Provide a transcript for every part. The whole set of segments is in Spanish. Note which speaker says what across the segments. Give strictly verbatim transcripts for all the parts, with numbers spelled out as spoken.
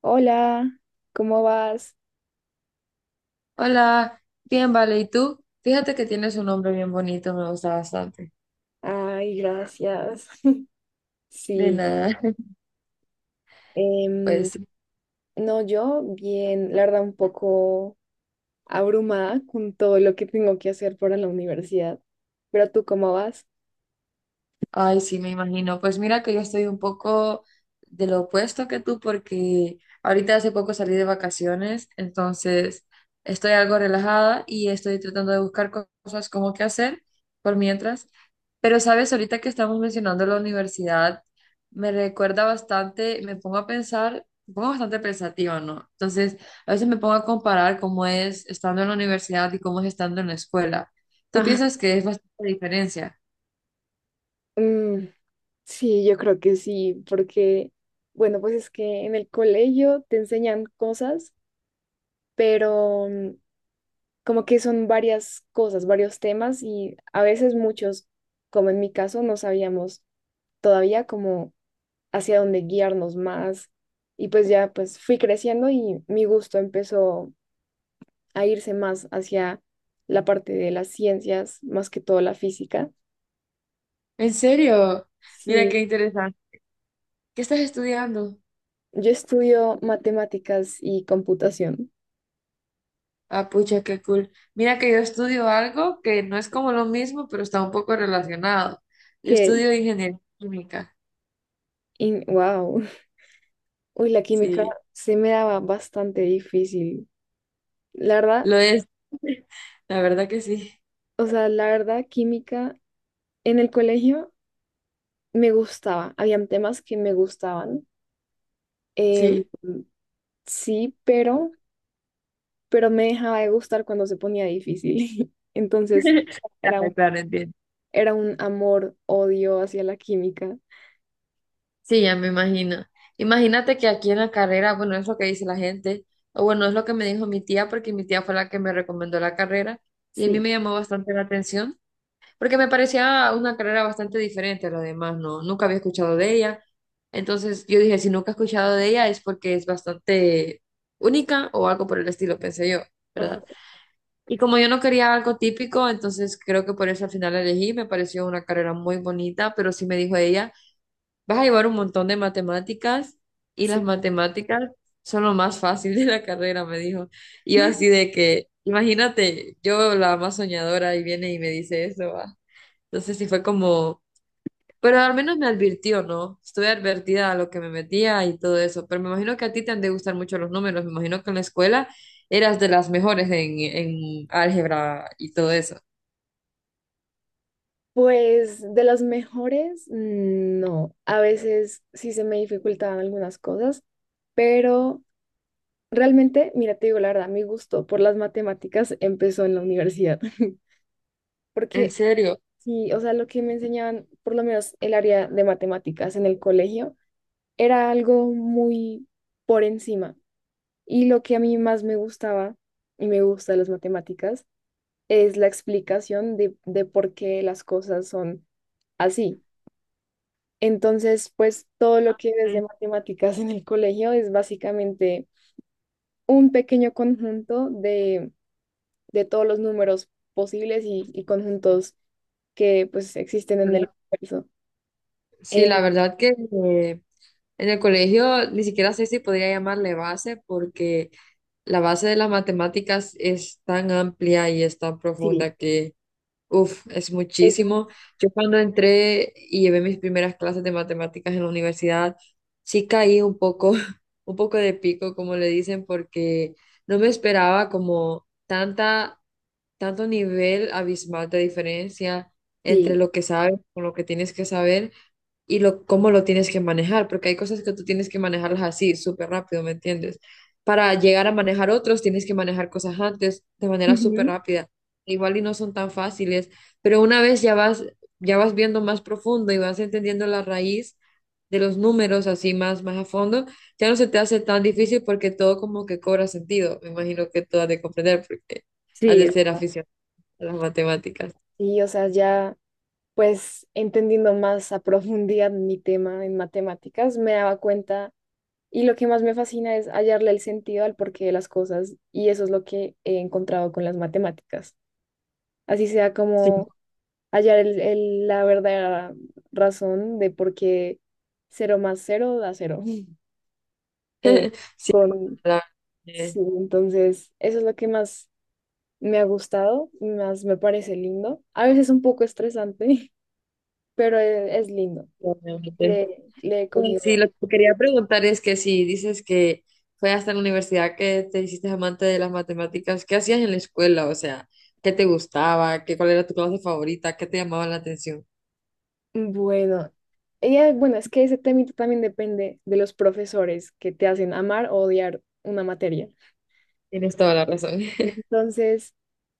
Speaker 1: Hola, ¿cómo vas?
Speaker 2: Hola, bien, vale, ¿y tú? Fíjate que tienes un nombre bien bonito, me gusta bastante.
Speaker 1: Ay, gracias.
Speaker 2: De
Speaker 1: Sí,
Speaker 2: nada,
Speaker 1: em,
Speaker 2: pues,
Speaker 1: no, yo bien, la verdad, un poco abrumada con todo lo que tengo que hacer para la universidad. Pero tú, ¿cómo vas?
Speaker 2: ay, sí, me imagino. Pues mira que yo estoy un poco de lo opuesto que tú porque ahorita hace poco salí de vacaciones, entonces estoy algo relajada y estoy tratando de buscar co- cosas como qué hacer por mientras. Pero sabes, ahorita que estamos mencionando la universidad, me recuerda bastante, me pongo a pensar, me pongo bastante pensativa, ¿no? Entonces, a veces me pongo a comparar cómo es estando en la universidad y cómo es estando en la escuela. ¿Tú
Speaker 1: Ajá.
Speaker 2: piensas que es bastante diferencia?
Speaker 1: Mm, sí, yo creo que sí, porque, bueno, pues es que en el colegio te enseñan cosas, pero mm, como que son varias cosas, varios temas y a veces muchos, como en mi caso, no sabíamos todavía como hacia dónde guiarnos más. Y pues ya pues fui creciendo y mi gusto empezó a irse más hacia la parte de las ciencias, más que todo la física.
Speaker 2: ¿En serio? Mira
Speaker 1: Sí,
Speaker 2: qué interesante. ¿Qué estás estudiando?
Speaker 1: yo estudio matemáticas y computación,
Speaker 2: Ah, pucha, qué cool. Mira que yo estudio algo que no es como lo mismo, pero está un poco relacionado. Yo
Speaker 1: que,
Speaker 2: estudio ingeniería química.
Speaker 1: in- wow, uy, la química
Speaker 2: Sí,
Speaker 1: se me daba bastante difícil. La verdad,
Speaker 2: lo es. La verdad que sí.
Speaker 1: o sea, la verdad, química en el colegio me gustaba, habían temas que me gustaban. em,
Speaker 2: Sí,
Speaker 1: sí, pero pero me dejaba de gustar cuando se ponía difícil. Entonces, era
Speaker 2: claro,
Speaker 1: un,
Speaker 2: claro, entiendo.
Speaker 1: era un amor-odio hacia la química.
Speaker 2: Sí, ya me imagino. Imagínate que aquí en la carrera, bueno, es lo que dice la gente, o bueno, es lo que me dijo mi tía, porque mi tía fue la que me recomendó la carrera y a mí
Speaker 1: Sí.
Speaker 2: me llamó bastante la atención, porque me parecía una carrera bastante diferente a lo demás, ¿no? Nunca había escuchado de ella. Entonces yo dije, si nunca he escuchado de ella es porque es bastante única o algo por el estilo, pensé yo,
Speaker 1: Ajá,
Speaker 2: ¿verdad? Y como yo no quería algo típico, entonces creo que por eso al final la elegí, me pareció una carrera muy bonita, pero sí me dijo ella. Vas a llevar un montón de matemáticas y
Speaker 1: sí.
Speaker 2: las matemáticas son lo más fácil de la carrera, me dijo. Y yo así de que, imagínate, yo la más soñadora y viene y me dice eso, va. Entonces sí fue como, pero al menos me advirtió, ¿no? Estuve advertida a lo que me metía y todo eso, pero me imagino que a ti te han de gustar mucho los números, me imagino que en la escuela eras de las mejores en, en álgebra y todo eso.
Speaker 1: Pues de las mejores, mm, no. A veces sí se me dificultaban algunas cosas, pero realmente, mira, te digo la verdad, mi gusto por las matemáticas empezó en la universidad.
Speaker 2: ¿En
Speaker 1: Porque
Speaker 2: serio?
Speaker 1: sí, o sea, lo que me enseñaban, por lo menos el área de matemáticas en el colegio, era algo muy por encima. Y lo que a mí más me gustaba y me gusta de las matemáticas es la explicación de, de por qué las cosas son así. Entonces, pues todo lo que ves de
Speaker 2: Sí,
Speaker 1: matemáticas en el colegio es básicamente un pequeño conjunto de, de todos los números posibles y, y conjuntos que pues existen en el
Speaker 2: ¿verdad?
Speaker 1: universo.
Speaker 2: Sí,
Speaker 1: Eh,
Speaker 2: la verdad que... eh, en el colegio ni siquiera sé si podría llamarle base porque la base de las matemáticas es tan amplia y es tan
Speaker 1: sí,
Speaker 2: profunda que, uff, es
Speaker 1: eso
Speaker 2: muchísimo. Yo cuando entré y llevé mis primeras clases de matemáticas en la universidad, sí caí un poco, un poco de pico, como le dicen, porque no me esperaba como tanta, tanto nivel abismal de diferencia entre
Speaker 1: sí.
Speaker 2: lo que sabes con lo que tienes que saber y lo, cómo lo tienes que manejar, porque hay cosas que tú tienes que manejarlas así, súper rápido, ¿me entiendes? Para llegar a manejar otros, tienes que manejar cosas antes de manera súper
Speaker 1: Ujú.
Speaker 2: rápida. Igual y no son tan fáciles, pero una vez ya vas, ya vas viendo más profundo y vas entendiendo la raíz de los números así más, más a fondo, ya no se te hace tan difícil porque todo como que cobra sentido. Me imagino que tú has de comprender porque has
Speaker 1: Sí,
Speaker 2: de
Speaker 1: es
Speaker 2: ser
Speaker 1: verdad.
Speaker 2: aficionado a las matemáticas.
Speaker 1: Sí, o sea, ya pues entendiendo más a profundidad mi tema en matemáticas, me daba cuenta y lo que más me fascina es hallarle el sentido al porqué de las cosas y eso es lo que he encontrado con las matemáticas. Así sea
Speaker 2: Sí,
Speaker 1: como hallar el- el- la verdadera razón de por qué cero más cero da cero. Eh,
Speaker 2: sí,
Speaker 1: con,
Speaker 2: la-
Speaker 1: sí,
Speaker 2: eh,
Speaker 1: entonces eso es lo que más me ha gustado, más me parece lindo. A veces un poco estresante, pero e- es lindo.
Speaker 2: realmente.
Speaker 1: Le, le he
Speaker 2: Sí, sí,
Speaker 1: cogido
Speaker 2: lo que quería preguntar es que si dices que fue hasta la universidad que te hiciste amante de las matemáticas, ¿qué hacías en la escuela? O sea, ¿qué te gustaba? ¿Qué, cuál era tu clase favorita? ¿Qué te llamaba la atención?
Speaker 1: Bueno, ella, bueno, es que ese temito también depende de los profesores que te hacen amar o odiar una materia.
Speaker 2: Tienes toda la razón.
Speaker 1: Entonces,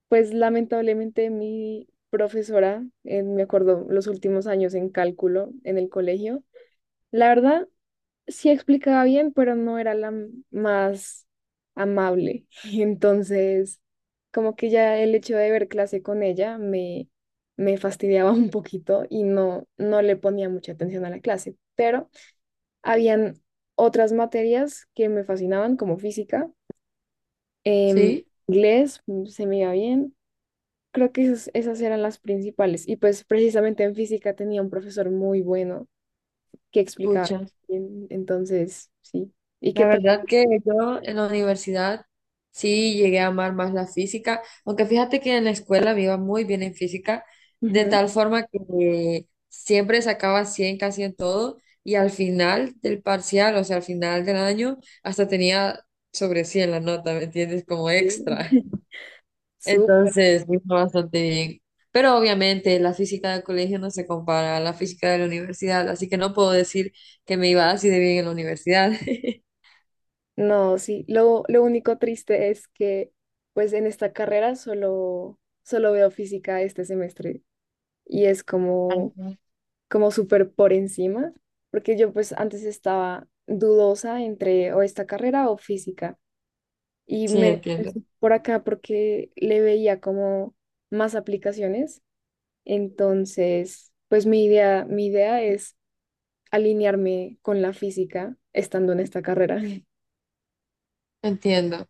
Speaker 1: pues lamentablemente mi profesora, eh, me acuerdo los últimos años en cálculo en el colegio, la verdad sí explicaba bien, pero no era la m- más amable. Entonces, como que ya el hecho de ver clase con ella me, me fastidiaba un poquito y no, no le ponía mucha atención a la clase, pero... habían otras materias que me fascinaban, como física, em,
Speaker 2: Sí,
Speaker 1: inglés, mm, se me iba bien. Creo que esas, esas eran las principales. Y pues precisamente en física tenía un profesor muy bueno que explicaba
Speaker 2: pucha.
Speaker 1: bien. Entonces, sí. ¿Y qué
Speaker 2: La
Speaker 1: tal?
Speaker 2: verdad que yo en la universidad sí llegué a amar más la física, aunque fíjate que en la escuela me iba muy bien en física, de
Speaker 1: Ujú.
Speaker 2: tal forma que siempre sacaba cien casi en todo y al final del parcial, o sea, al final del año, hasta tenía sobre cien la nota, ¿me entiendes? Como
Speaker 1: Bien.
Speaker 2: extra.
Speaker 1: Súper.
Speaker 2: Entonces, me fue bastante bien. Pero obviamente la física del colegio no se compara a la física de la universidad, así que no puedo decir que me iba así de bien en la universidad.
Speaker 1: No, sí. Lo, lo único triste es que, pues en esta carrera solo, solo veo física este semestre. Y es como
Speaker 2: Ajá.
Speaker 1: como súper por encima, porque yo pues antes estaba dudosa entre o esta carrera o física y
Speaker 2: Sí,
Speaker 1: me
Speaker 2: entiendo,
Speaker 1: fui por acá porque le veía como más aplicaciones, entonces pues mi idea, mi idea es alinearme con la física estando en esta carrera.
Speaker 2: entiendo.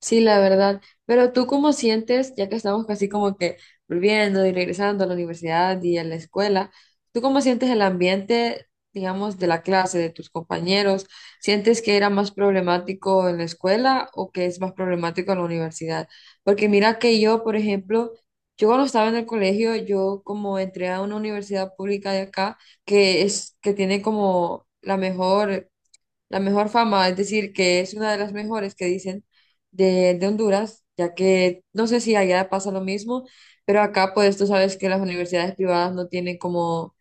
Speaker 2: Sí, la verdad. Pero tú cómo sientes, ya que estamos casi como que volviendo y regresando a la universidad y a la escuela, ¿tú cómo sientes el ambiente, digamos, de la clase, de tus compañeros? ¿Sientes que era más problemático en la escuela o que es más problemático en la universidad? Porque mira que yo, por ejemplo, yo cuando estaba en el colegio, yo como entré a una universidad pública de acá, que es, que tiene como la mejor la mejor fama, es decir, que es una de las mejores que dicen de, de Honduras, ya que no sé si allá pasa lo mismo, pero acá pues tú sabes que las universidades privadas no tienen como,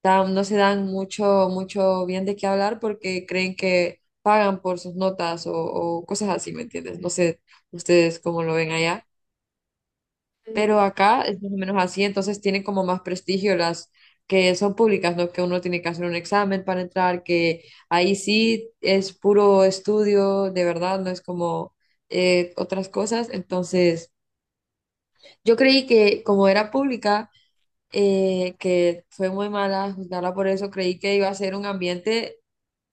Speaker 2: tan- no se dan mucho, mucho bien de qué hablar porque creen que pagan por sus notas o, o cosas así, ¿me entiendes? No sé ustedes cómo lo ven allá. Pero acá es más o menos así, entonces tienen como más prestigio las que son públicas, ¿no? Que uno tiene que hacer un examen para entrar, que ahí sí es puro estudio, de verdad, no es como eh, otras cosas. Entonces, yo creí que como era pública, eh, que fue muy mala juzgarla por eso, creí que iba a ser un ambiente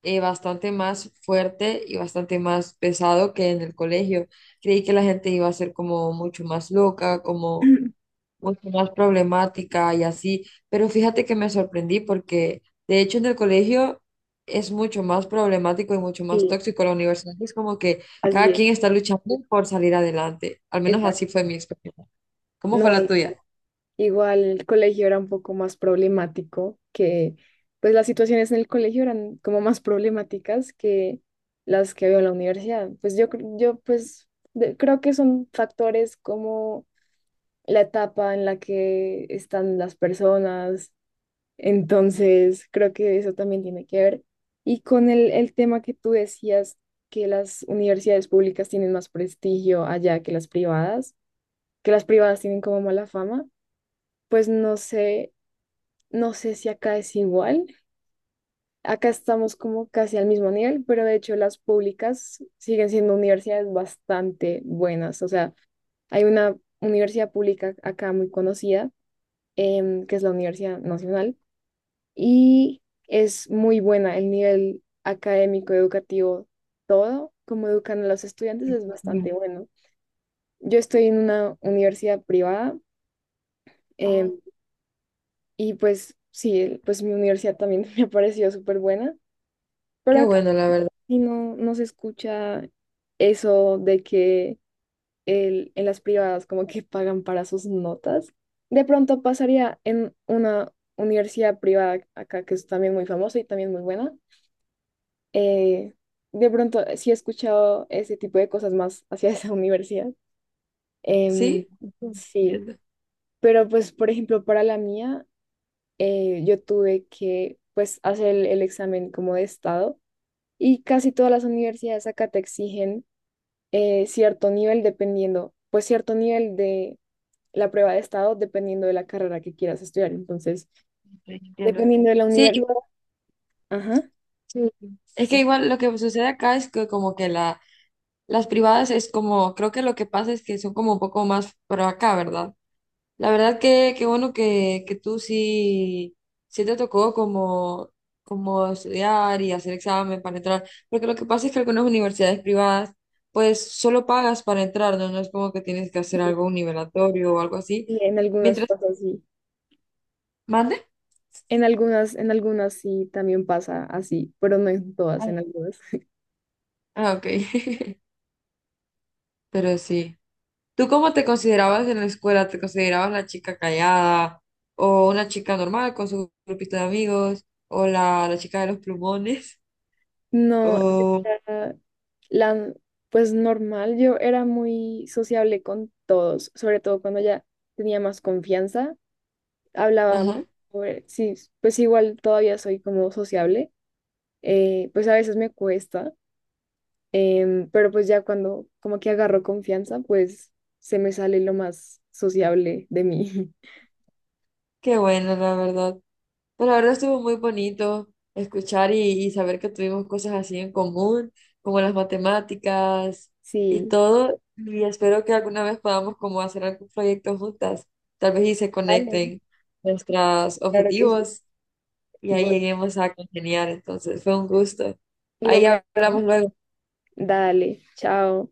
Speaker 2: eh, bastante más fuerte y bastante más pesado que en el colegio. Creí que la gente iba a ser como mucho más loca, como
Speaker 1: Mm.
Speaker 2: mucho más problemática y así, pero fíjate que me sorprendí porque de hecho en el colegio es mucho más problemático y mucho más
Speaker 1: Sí,
Speaker 2: tóxico. La universidad es como que
Speaker 1: así
Speaker 2: cada
Speaker 1: es,
Speaker 2: quien está luchando por salir adelante, al menos
Speaker 1: exacto.
Speaker 2: así fue mi experiencia. ¿Cómo fue
Speaker 1: No
Speaker 2: la
Speaker 1: hay.
Speaker 2: tuya?
Speaker 1: Igual el colegio era un poco más problemático, que pues las situaciones en el colegio eran como más problemáticas que las que había en la universidad. Pues yo, cre- yo pues de- creo que son factores como la etapa en la que están las personas, entonces creo que eso también tiene que ver. Y con el, el tema que tú decías, que las universidades públicas tienen más prestigio allá que las privadas, que las privadas tienen como mala fama. Pues no sé, no sé si acá es igual. Acá estamos como casi al mismo nivel, pero de hecho las públicas siguen siendo universidades bastante buenas. O sea, hay una universidad pública acá muy conocida, em, que es la Universidad Nacional, y es muy buena el nivel académico, educativo, todo, como educan a los estudiantes es
Speaker 2: Mm.
Speaker 1: bastante bueno. Yo estoy en una universidad privada,
Speaker 2: Ah,
Speaker 1: em, y pues sí, pues mi universidad también me ha parecido súper buena. Pero
Speaker 2: qué
Speaker 1: acá
Speaker 2: bueno, la verdad.
Speaker 1: y no, no se escucha eso de que el- en las privadas como que pagan para sus notas. De pronto pasaría en una universidad privada acá que es también muy famosa y también muy buena. Eh, de pronto sí he escuchado ese tipo de cosas más hacia esa universidad. Em,
Speaker 2: ¿Sí?
Speaker 1: sí,
Speaker 2: Entiendo,
Speaker 1: pero pues por ejemplo para la mía eh, yo tuve que pues hacer el el examen como de estado. Y casi todas las universidades acá te exigen eh, cierto nivel dependiendo, pues cierto nivel de la prueba de estado dependiendo de la carrera que quieras estudiar. Entonces,
Speaker 2: entiendo.
Speaker 1: dependiendo de la
Speaker 2: Sí,
Speaker 1: universidad,
Speaker 2: igual,
Speaker 1: ajá,
Speaker 2: sí. Es que igual lo que sucede acá es que como que la, las privadas es como, creo que lo que pasa es que son como un poco más, pero acá, ¿verdad? La verdad que qué bueno que, que tú sí, sí te tocó como, como estudiar y hacer examen para entrar, porque lo que pasa es que algunas universidades privadas pues solo pagas para entrar, ¿no? No es como que tienes que hacer
Speaker 1: sí,
Speaker 2: algo, un nivelatorio o algo así.
Speaker 1: sí, en algunas
Speaker 2: Mientras,
Speaker 1: pasa así.
Speaker 2: ¿mande?
Speaker 1: En algunas, en algunas sí también pasa así, pero no en todas,
Speaker 2: Ah,
Speaker 1: en algunas.
Speaker 2: ah, ok. Pero sí. ¿Tú cómo te considerabas en la escuela? ¿Te considerabas la chica callada o una chica normal con su grupito de amigos o la, la chica de los plumones?
Speaker 1: No, yo
Speaker 2: O...
Speaker 1: era la, pues normal, yo era muy sociable con todos, sobre todo cuando ya tenía más confianza, hablaba, mu-
Speaker 2: Ajá.
Speaker 1: sobre- sí, pues igual todavía soy como sociable, eh, pues a veces me cuesta, em, pero pues ya cuando como que agarro confianza, pues se me sale lo más sociable de mí.
Speaker 2: Qué bueno, la verdad. Pero la verdad estuvo muy bonito escuchar y, y saber que tuvimos cosas así en común, como las matemáticas y
Speaker 1: Sí,
Speaker 2: todo. Y espero que alguna vez podamos como hacer algún proyecto juntas. Tal vez y se
Speaker 1: vale,
Speaker 2: conecten nuestros
Speaker 1: claro que sí.
Speaker 2: objetivos y ahí
Speaker 1: Bueno,
Speaker 2: lleguemos a congeniar. Entonces, fue un gusto.
Speaker 1: lo
Speaker 2: Ahí
Speaker 1: mismo.
Speaker 2: hablamos luego.
Speaker 1: Dale, chao.